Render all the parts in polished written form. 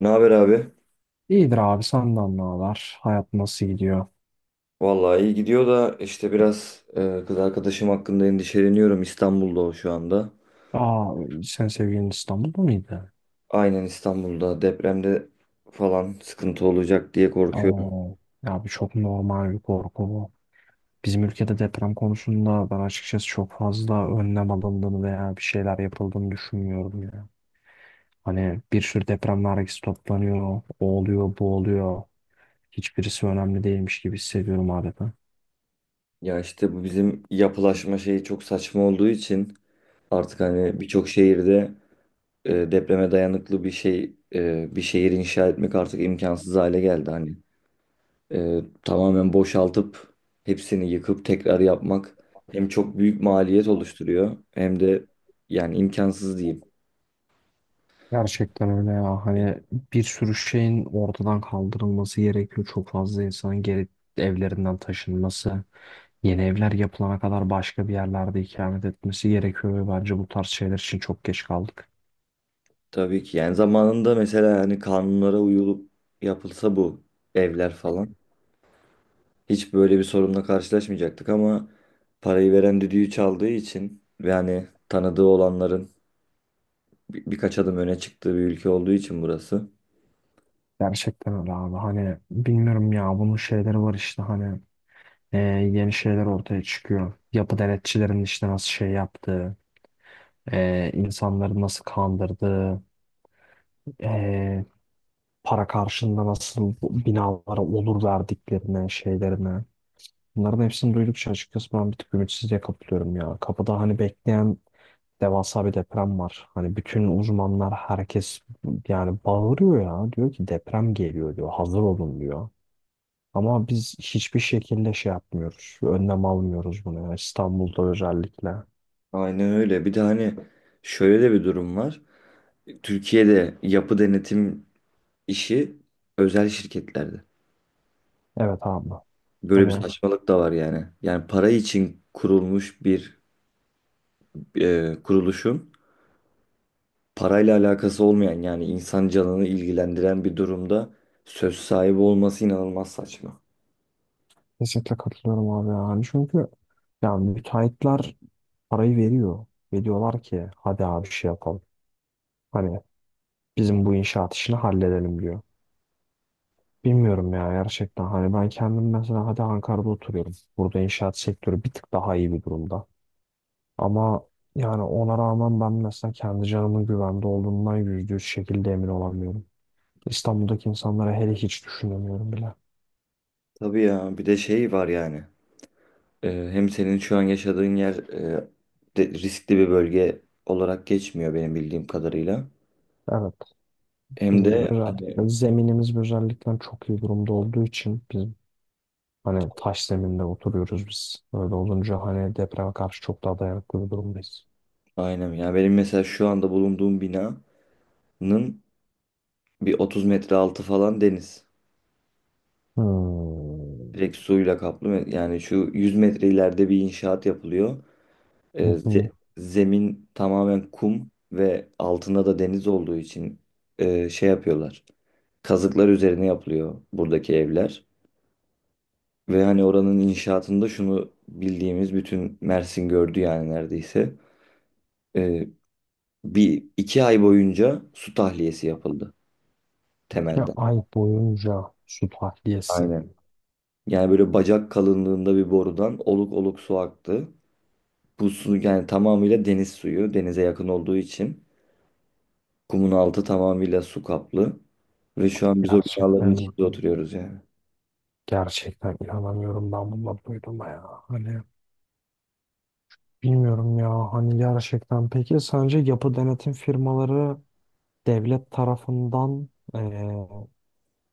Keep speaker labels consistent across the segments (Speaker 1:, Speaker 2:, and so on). Speaker 1: Ne haber abi?
Speaker 2: İyidir abi, senden ne haber? Hayat nasıl gidiyor?
Speaker 1: Vallahi iyi gidiyor da işte biraz kız arkadaşım hakkında endişeleniyorum. İstanbul'da o şu anda.
Speaker 2: Aa, sen sevgilin İstanbul'da mıydı?
Speaker 1: Aynen, İstanbul'da depremde falan sıkıntı olacak diye korkuyorum.
Speaker 2: Oo, ya bu çok normal bir korku bu. Bizim ülkede deprem konusunda ben açıkçası çok fazla önlem alındığını veya bir şeyler yapıldığını düşünmüyorum ya. Hani bir sürü deprem vergisi toplanıyor, o oluyor, bu oluyor. Hiçbirisi önemli değilmiş gibi hissediyorum adeta.
Speaker 1: Ya işte bu bizim yapılaşma şeyi çok saçma olduğu için artık hani birçok şehirde depreme dayanıklı bir şehir inşa etmek artık imkansız hale geldi hani. Tamamen boşaltıp hepsini yıkıp tekrar yapmak hem çok büyük maliyet oluşturuyor hem de yani imkansız diyeyim.
Speaker 2: Gerçekten öyle ya.
Speaker 1: E,
Speaker 2: Hani bir sürü şeyin ortadan kaldırılması gerekiyor. Çok fazla insanın geri evlerinden taşınması, yeni evler yapılana kadar başka bir yerlerde ikamet etmesi gerekiyor ve bence bu tarz şeyler için çok geç kaldık.
Speaker 1: Tabii ki yani zamanında mesela yani kanunlara uyulup yapılsa bu evler falan hiç böyle bir sorunla karşılaşmayacaktık ama parayı veren düdüğü çaldığı için ve hani tanıdığı olanların birkaç adım öne çıktığı bir ülke olduğu için burası.
Speaker 2: Gerçekten öyle abi. Hani bilmiyorum ya, bunun şeyleri var işte hani e, yeni şeyler ortaya çıkıyor. Yapı denetçilerin işte nasıl şey yaptığı, insanları nasıl kandırdığı, e, para karşılığında nasıl bu binalara olur verdiklerine, şeylerine. Bunların hepsini duydukça açıkçası ben bir tık ümitsizliğe kapılıyorum ya. Kapıda hani bekleyen devasa bir deprem var. Hani bütün uzmanlar, herkes yani bağırıyor ya. Diyor ki deprem geliyor diyor. Hazır olun diyor. Ama biz hiçbir şekilde şey yapmıyoruz. Önlem almıyoruz bunu, yani İstanbul'da özellikle.
Speaker 1: Aynen öyle. Bir de hani şöyle de bir durum var. Türkiye'de yapı denetim işi özel şirketlerde.
Speaker 2: Evet abi.
Speaker 1: Böyle bir
Speaker 2: Hani
Speaker 1: saçmalık da var yani. Yani para için kurulmuş bir kuruluşun parayla alakası olmayan, yani insan canını ilgilendiren bir durumda söz sahibi olması inanılmaz saçma.
Speaker 2: kesinlikle katılıyorum abi yani. Çünkü yani müteahhitler parayı veriyor. Ve diyorlar ki hadi abi şey yapalım. Hani bizim bu inşaat işini halledelim diyor. Bilmiyorum ya gerçekten. Hani ben kendim mesela, hadi Ankara'da oturuyorum. Burada inşaat sektörü bir tık daha iyi bir durumda. Ama yani ona rağmen ben mesela kendi canımın güvende olduğundan %100 şekilde emin olamıyorum. İstanbul'daki insanlara hele hiç düşünemiyorum bile.
Speaker 1: Tabii ya, bir de şey var yani. Hem senin şu an yaşadığın yer riskli bir bölge olarak geçmiyor benim bildiğim kadarıyla.
Speaker 2: Evet,
Speaker 1: Hem
Speaker 2: bizim
Speaker 1: de hani,
Speaker 2: özellikle zeminimiz özellikle çok iyi durumda olduğu için bizim hani taş zeminde oturuyoruz biz. Öyle olunca hani depreme karşı çok daha dayanıklı bir durumdayız.
Speaker 1: aynen ya, benim mesela şu anda bulunduğum binanın bir 30 metre altı falan deniz.
Speaker 2: Hmm.
Speaker 1: Direkt suyla kaplı. Yani şu 100 metre ileride bir inşaat yapılıyor.
Speaker 2: Hı hı.
Speaker 1: Zemin tamamen kum ve altında da deniz olduğu için şey yapıyorlar. Kazıklar üzerine yapılıyor buradaki evler. Ve hani oranın inşaatında şunu bildiğimiz bütün Mersin gördü yani neredeyse. Ee, Bir iki ay boyunca su tahliyesi yapıldı
Speaker 2: Ya
Speaker 1: temelden.
Speaker 2: ay boyunca su tahliyesi.
Speaker 1: Aynen. Yani böyle bacak kalınlığında bir borudan oluk oluk su aktı. Bu su yani tamamıyla deniz suyu. Denize yakın olduğu için. Kumun altı tamamıyla su kaplı. Ve şu an biz o binaların
Speaker 2: Gerçekten,
Speaker 1: içinde oturuyoruz yani.
Speaker 2: gerçekten inanamıyorum ben bununla duyduğuma ya. Hani bilmiyorum ya hani gerçekten. Peki sence yapı denetim firmaları devlet tarafından,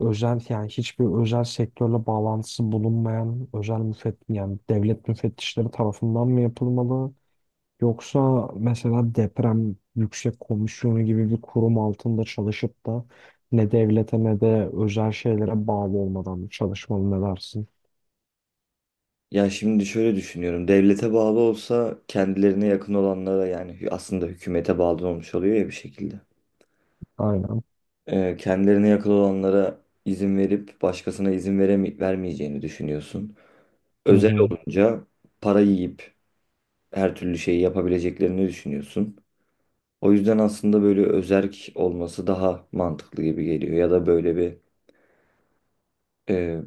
Speaker 2: özel yani hiçbir özel sektörle bağlantısı bulunmayan özel müfett, yani devlet müfettişleri tarafından mı yapılmalı? Yoksa mesela deprem yüksek komisyonu gibi bir kurum altında çalışıp da ne devlete ne de özel şeylere bağlı olmadan mı çalışmalı, ne dersin?
Speaker 1: Ya şimdi şöyle düşünüyorum. Devlete bağlı olsa kendilerine yakın olanlara, yani aslında hükümete bağlı olmuş oluyor ya bir şekilde.
Speaker 2: Aynen.
Speaker 1: Kendilerine yakın olanlara izin verip başkasına izin veremi vermeyeceğini düşünüyorsun.
Speaker 2: Hı
Speaker 1: Özel
Speaker 2: hı.
Speaker 1: olunca para yiyip her türlü şeyi yapabileceklerini düşünüyorsun. O yüzden aslında böyle özerk olması daha mantıklı gibi geliyor. Ya da böyle bir e,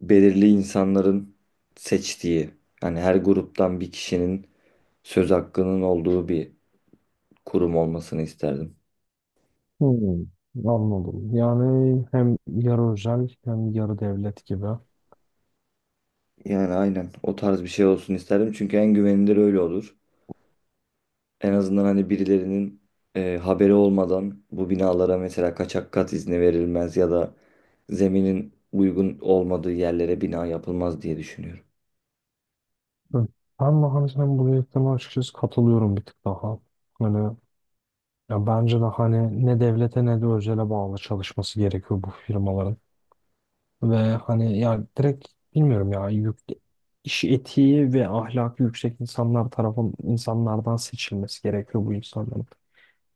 Speaker 1: belirli insanların seçtiği, hani her gruptan bir kişinin söz hakkının olduğu bir kurum olmasını isterdim.
Speaker 2: Hmm, anladım. Yani hem yarı özel hem yarı devlet gibi.
Speaker 1: Yani aynen o tarz bir şey olsun isterdim. Çünkü en güvenilir öyle olur. En azından hani birilerinin haberi olmadan bu binalara mesela kaçak kat izni verilmez ya da zeminin uygun olmadığı yerlere bina yapılmaz diye düşünüyorum.
Speaker 2: Hı. Ben de hani sen bu dediklerine açıkçası katılıyorum bir tık daha. Hani ya bence de hani ne devlete ne de özele bağlı çalışması gerekiyor bu firmaların. Ve hani ya direkt, bilmiyorum ya, yük, iş etiği ve ahlakı yüksek insanlar tarafın, insanlardan seçilmesi gerekiyor bu insanların.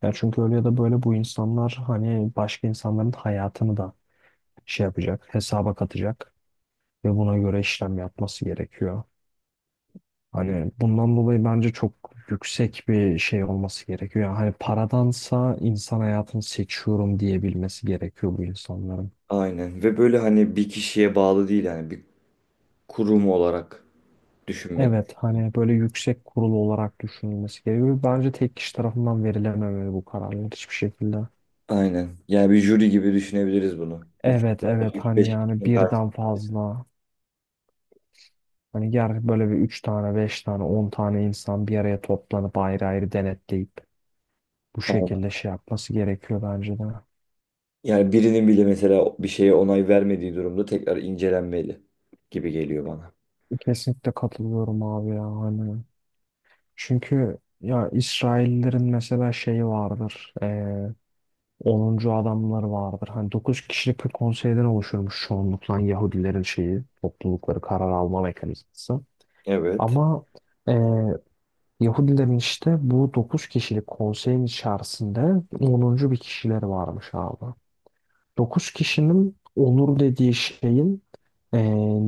Speaker 2: Ya çünkü öyle ya da böyle bu insanlar hani başka insanların hayatını da şey yapacak, hesaba katacak ve buna göre işlem yapması gerekiyor. Hani bundan dolayı bence çok yüksek bir şey olması gerekiyor. Yani hani paradansa insan hayatını seçiyorum diyebilmesi gerekiyor bu insanların.
Speaker 1: Aynen, ve böyle hani bir kişiye bağlı değil, yani bir kurum olarak düşünmek.
Speaker 2: Evet, hani böyle yüksek kurulu olarak düşünülmesi gerekiyor. Bence tek kişi tarafından verilememeli bu kararlar hiçbir şekilde.
Speaker 1: Aynen. Yani bir jüri gibi düşünebiliriz bunu.
Speaker 2: Evet, evet,
Speaker 1: Üç
Speaker 2: hani
Speaker 1: beş
Speaker 2: yani
Speaker 1: kişinin
Speaker 2: birden
Speaker 1: karşısında.
Speaker 2: fazla hani ger böyle bir 3 tane, 5 tane, 10 tane insan bir araya toplanıp ayrı ayrı denetleyip bu şekilde
Speaker 1: Aynen.
Speaker 2: şey yapması gerekiyor bence de.
Speaker 1: Yani birinin bile mesela bir şeye onay vermediği durumda tekrar incelenmeli gibi geliyor bana.
Speaker 2: Kesinlikle katılıyorum abi ya hani. Çünkü ya İsraillerin mesela şeyi vardır. 10. adamları vardır. Hani 9 kişilik bir konseyden oluşurmuş çoğunlukla Yahudilerin şeyi, toplulukları, karar alma mekanizması.
Speaker 1: Evet.
Speaker 2: Ama eee, Yahudilerin işte bu 9 kişilik konseyin içerisinde onuncu bir kişileri varmış abi. 9 kişinin onur dediği şeyin eee,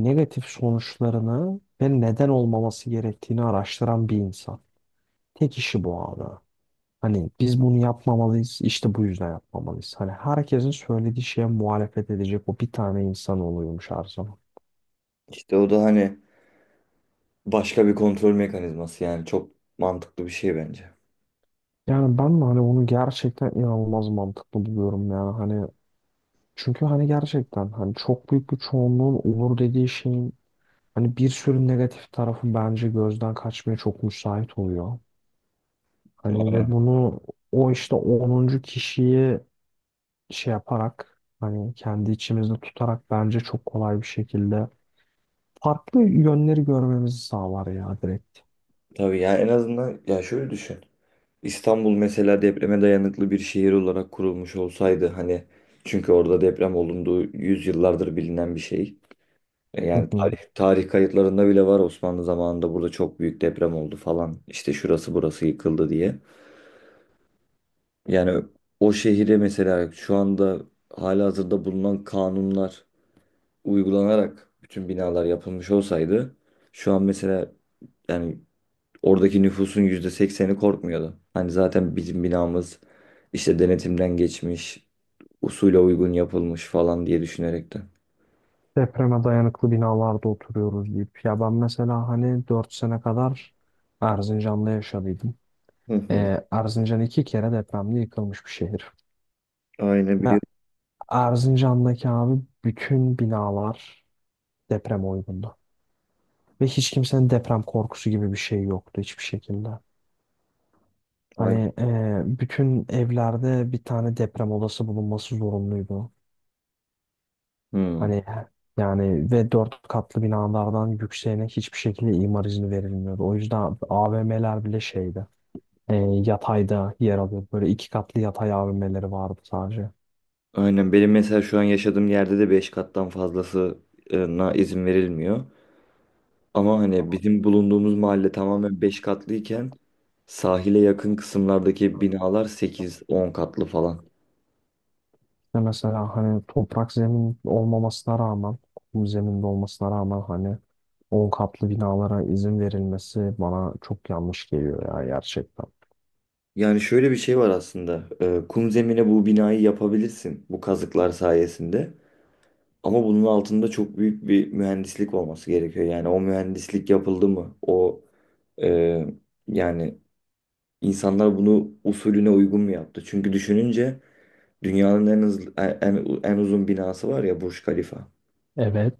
Speaker 2: negatif sonuçlarını ve neden olmaması gerektiğini araştıran bir insan. Tek işi bu abi. Hani biz bunu yapmamalıyız, işte bu yüzden yapmamalıyız. Hani herkesin söylediği şeye muhalefet edecek o bir tane insan oluyormuş her zaman.
Speaker 1: İşte o da hani başka bir kontrol mekanizması, yani çok mantıklı bir şey bence.
Speaker 2: Yani ben de hani onu gerçekten inanılmaz mantıklı buluyorum yani hani, çünkü hani gerçekten hani çok büyük bir çoğunluğun olur dediği şeyin hani bir sürü negatif tarafı bence gözden kaçmaya çok müsait oluyor. Hani ve
Speaker 1: Aynen.
Speaker 2: bunu o işte onuncu kişiyi şey yaparak hani kendi içimizde tutarak bence çok kolay bir şekilde farklı yönleri görmemizi sağlar ya direkt.
Speaker 1: Tabii yani en azından ya şöyle düşün. İstanbul mesela depreme dayanıklı bir şehir olarak kurulmuş olsaydı hani, çünkü orada deprem olunduğu yüzyıllardır bilinen bir şey.
Speaker 2: Hı
Speaker 1: Yani
Speaker 2: hı.
Speaker 1: tarih kayıtlarında bile var, Osmanlı zamanında burada çok büyük deprem oldu falan işte şurası burası yıkıldı diye. Yani o şehire mesela şu anda halihazırda bulunan kanunlar uygulanarak bütün binalar yapılmış olsaydı şu an mesela yani oradaki nüfusun %80'i korkmuyordu. Hani zaten bizim binamız işte denetimden geçmiş, usule uygun yapılmış falan diye düşünerek de.
Speaker 2: Depreme dayanıklı binalarda oturuyoruz deyip. Ya ben mesela hani 4 sene kadar Erzincan'da yaşadıydım.
Speaker 1: Hı hı.
Speaker 2: Erzincan 2 kere depremde yıkılmış bir şehir.
Speaker 1: Aynen
Speaker 2: Ve
Speaker 1: biliyorum.
Speaker 2: Erzincan'daki abi bütün binalar deprem uygundu. Ve hiç kimsenin deprem korkusu gibi bir şey yoktu hiçbir şekilde.
Speaker 1: Aynen.
Speaker 2: Hani bütün evlerde bir tane deprem odası bulunması zorunluydu.
Speaker 1: Hmm.
Speaker 2: Hani yani ve 4 katlı binalardan yükseğine hiçbir şekilde imar izni verilmiyordu. O yüzden AVM'ler bile şeydi. e, Yatayda yer alıyordu. Böyle 2 katlı yatay AVM'leri vardı sadece.
Speaker 1: Aynen benim mesela şu an yaşadığım yerde de 5 kattan fazlasına izin verilmiyor. Ama hani bizim bulunduğumuz mahalle tamamen 5 katlıyken sahile yakın kısımlardaki binalar 8, 10 katlı falan.
Speaker 2: Ve mesela hani toprak zemin olmamasına rağmen, kum zeminde olmasına rağmen hani 10 katlı binalara izin verilmesi bana çok yanlış geliyor ya gerçekten.
Speaker 1: Yani şöyle bir şey var aslında. Kum zemine bu binayı yapabilirsin bu kazıklar sayesinde. Ama bunun altında çok büyük bir mühendislik olması gerekiyor. Yani o mühendislik yapıldı mı? O e, yani insanlar bunu usulüne uygun mu yaptı? Çünkü düşününce dünyanın en hızlı, en uzun binası var ya, Burj Khalifa.
Speaker 2: Evet.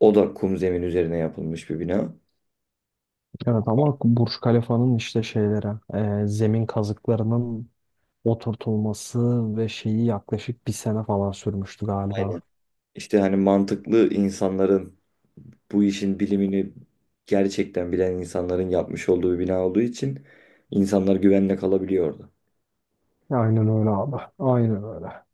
Speaker 1: O da kum zemin üzerine yapılmış bir bina.
Speaker 2: Evet ama Burj Khalifa'nın işte şeylere, zemin kazıklarının oturtulması ve şeyi yaklaşık bir sene falan sürmüştü
Speaker 1: Aynen.
Speaker 2: galiba.
Speaker 1: İşte hani mantıklı insanların, bu işin bilimini gerçekten bilen insanların yapmış olduğu bir bina olduğu için insanlar güvenle kalabiliyor orada.
Speaker 2: Aynen öyle abi. Aynen öyle.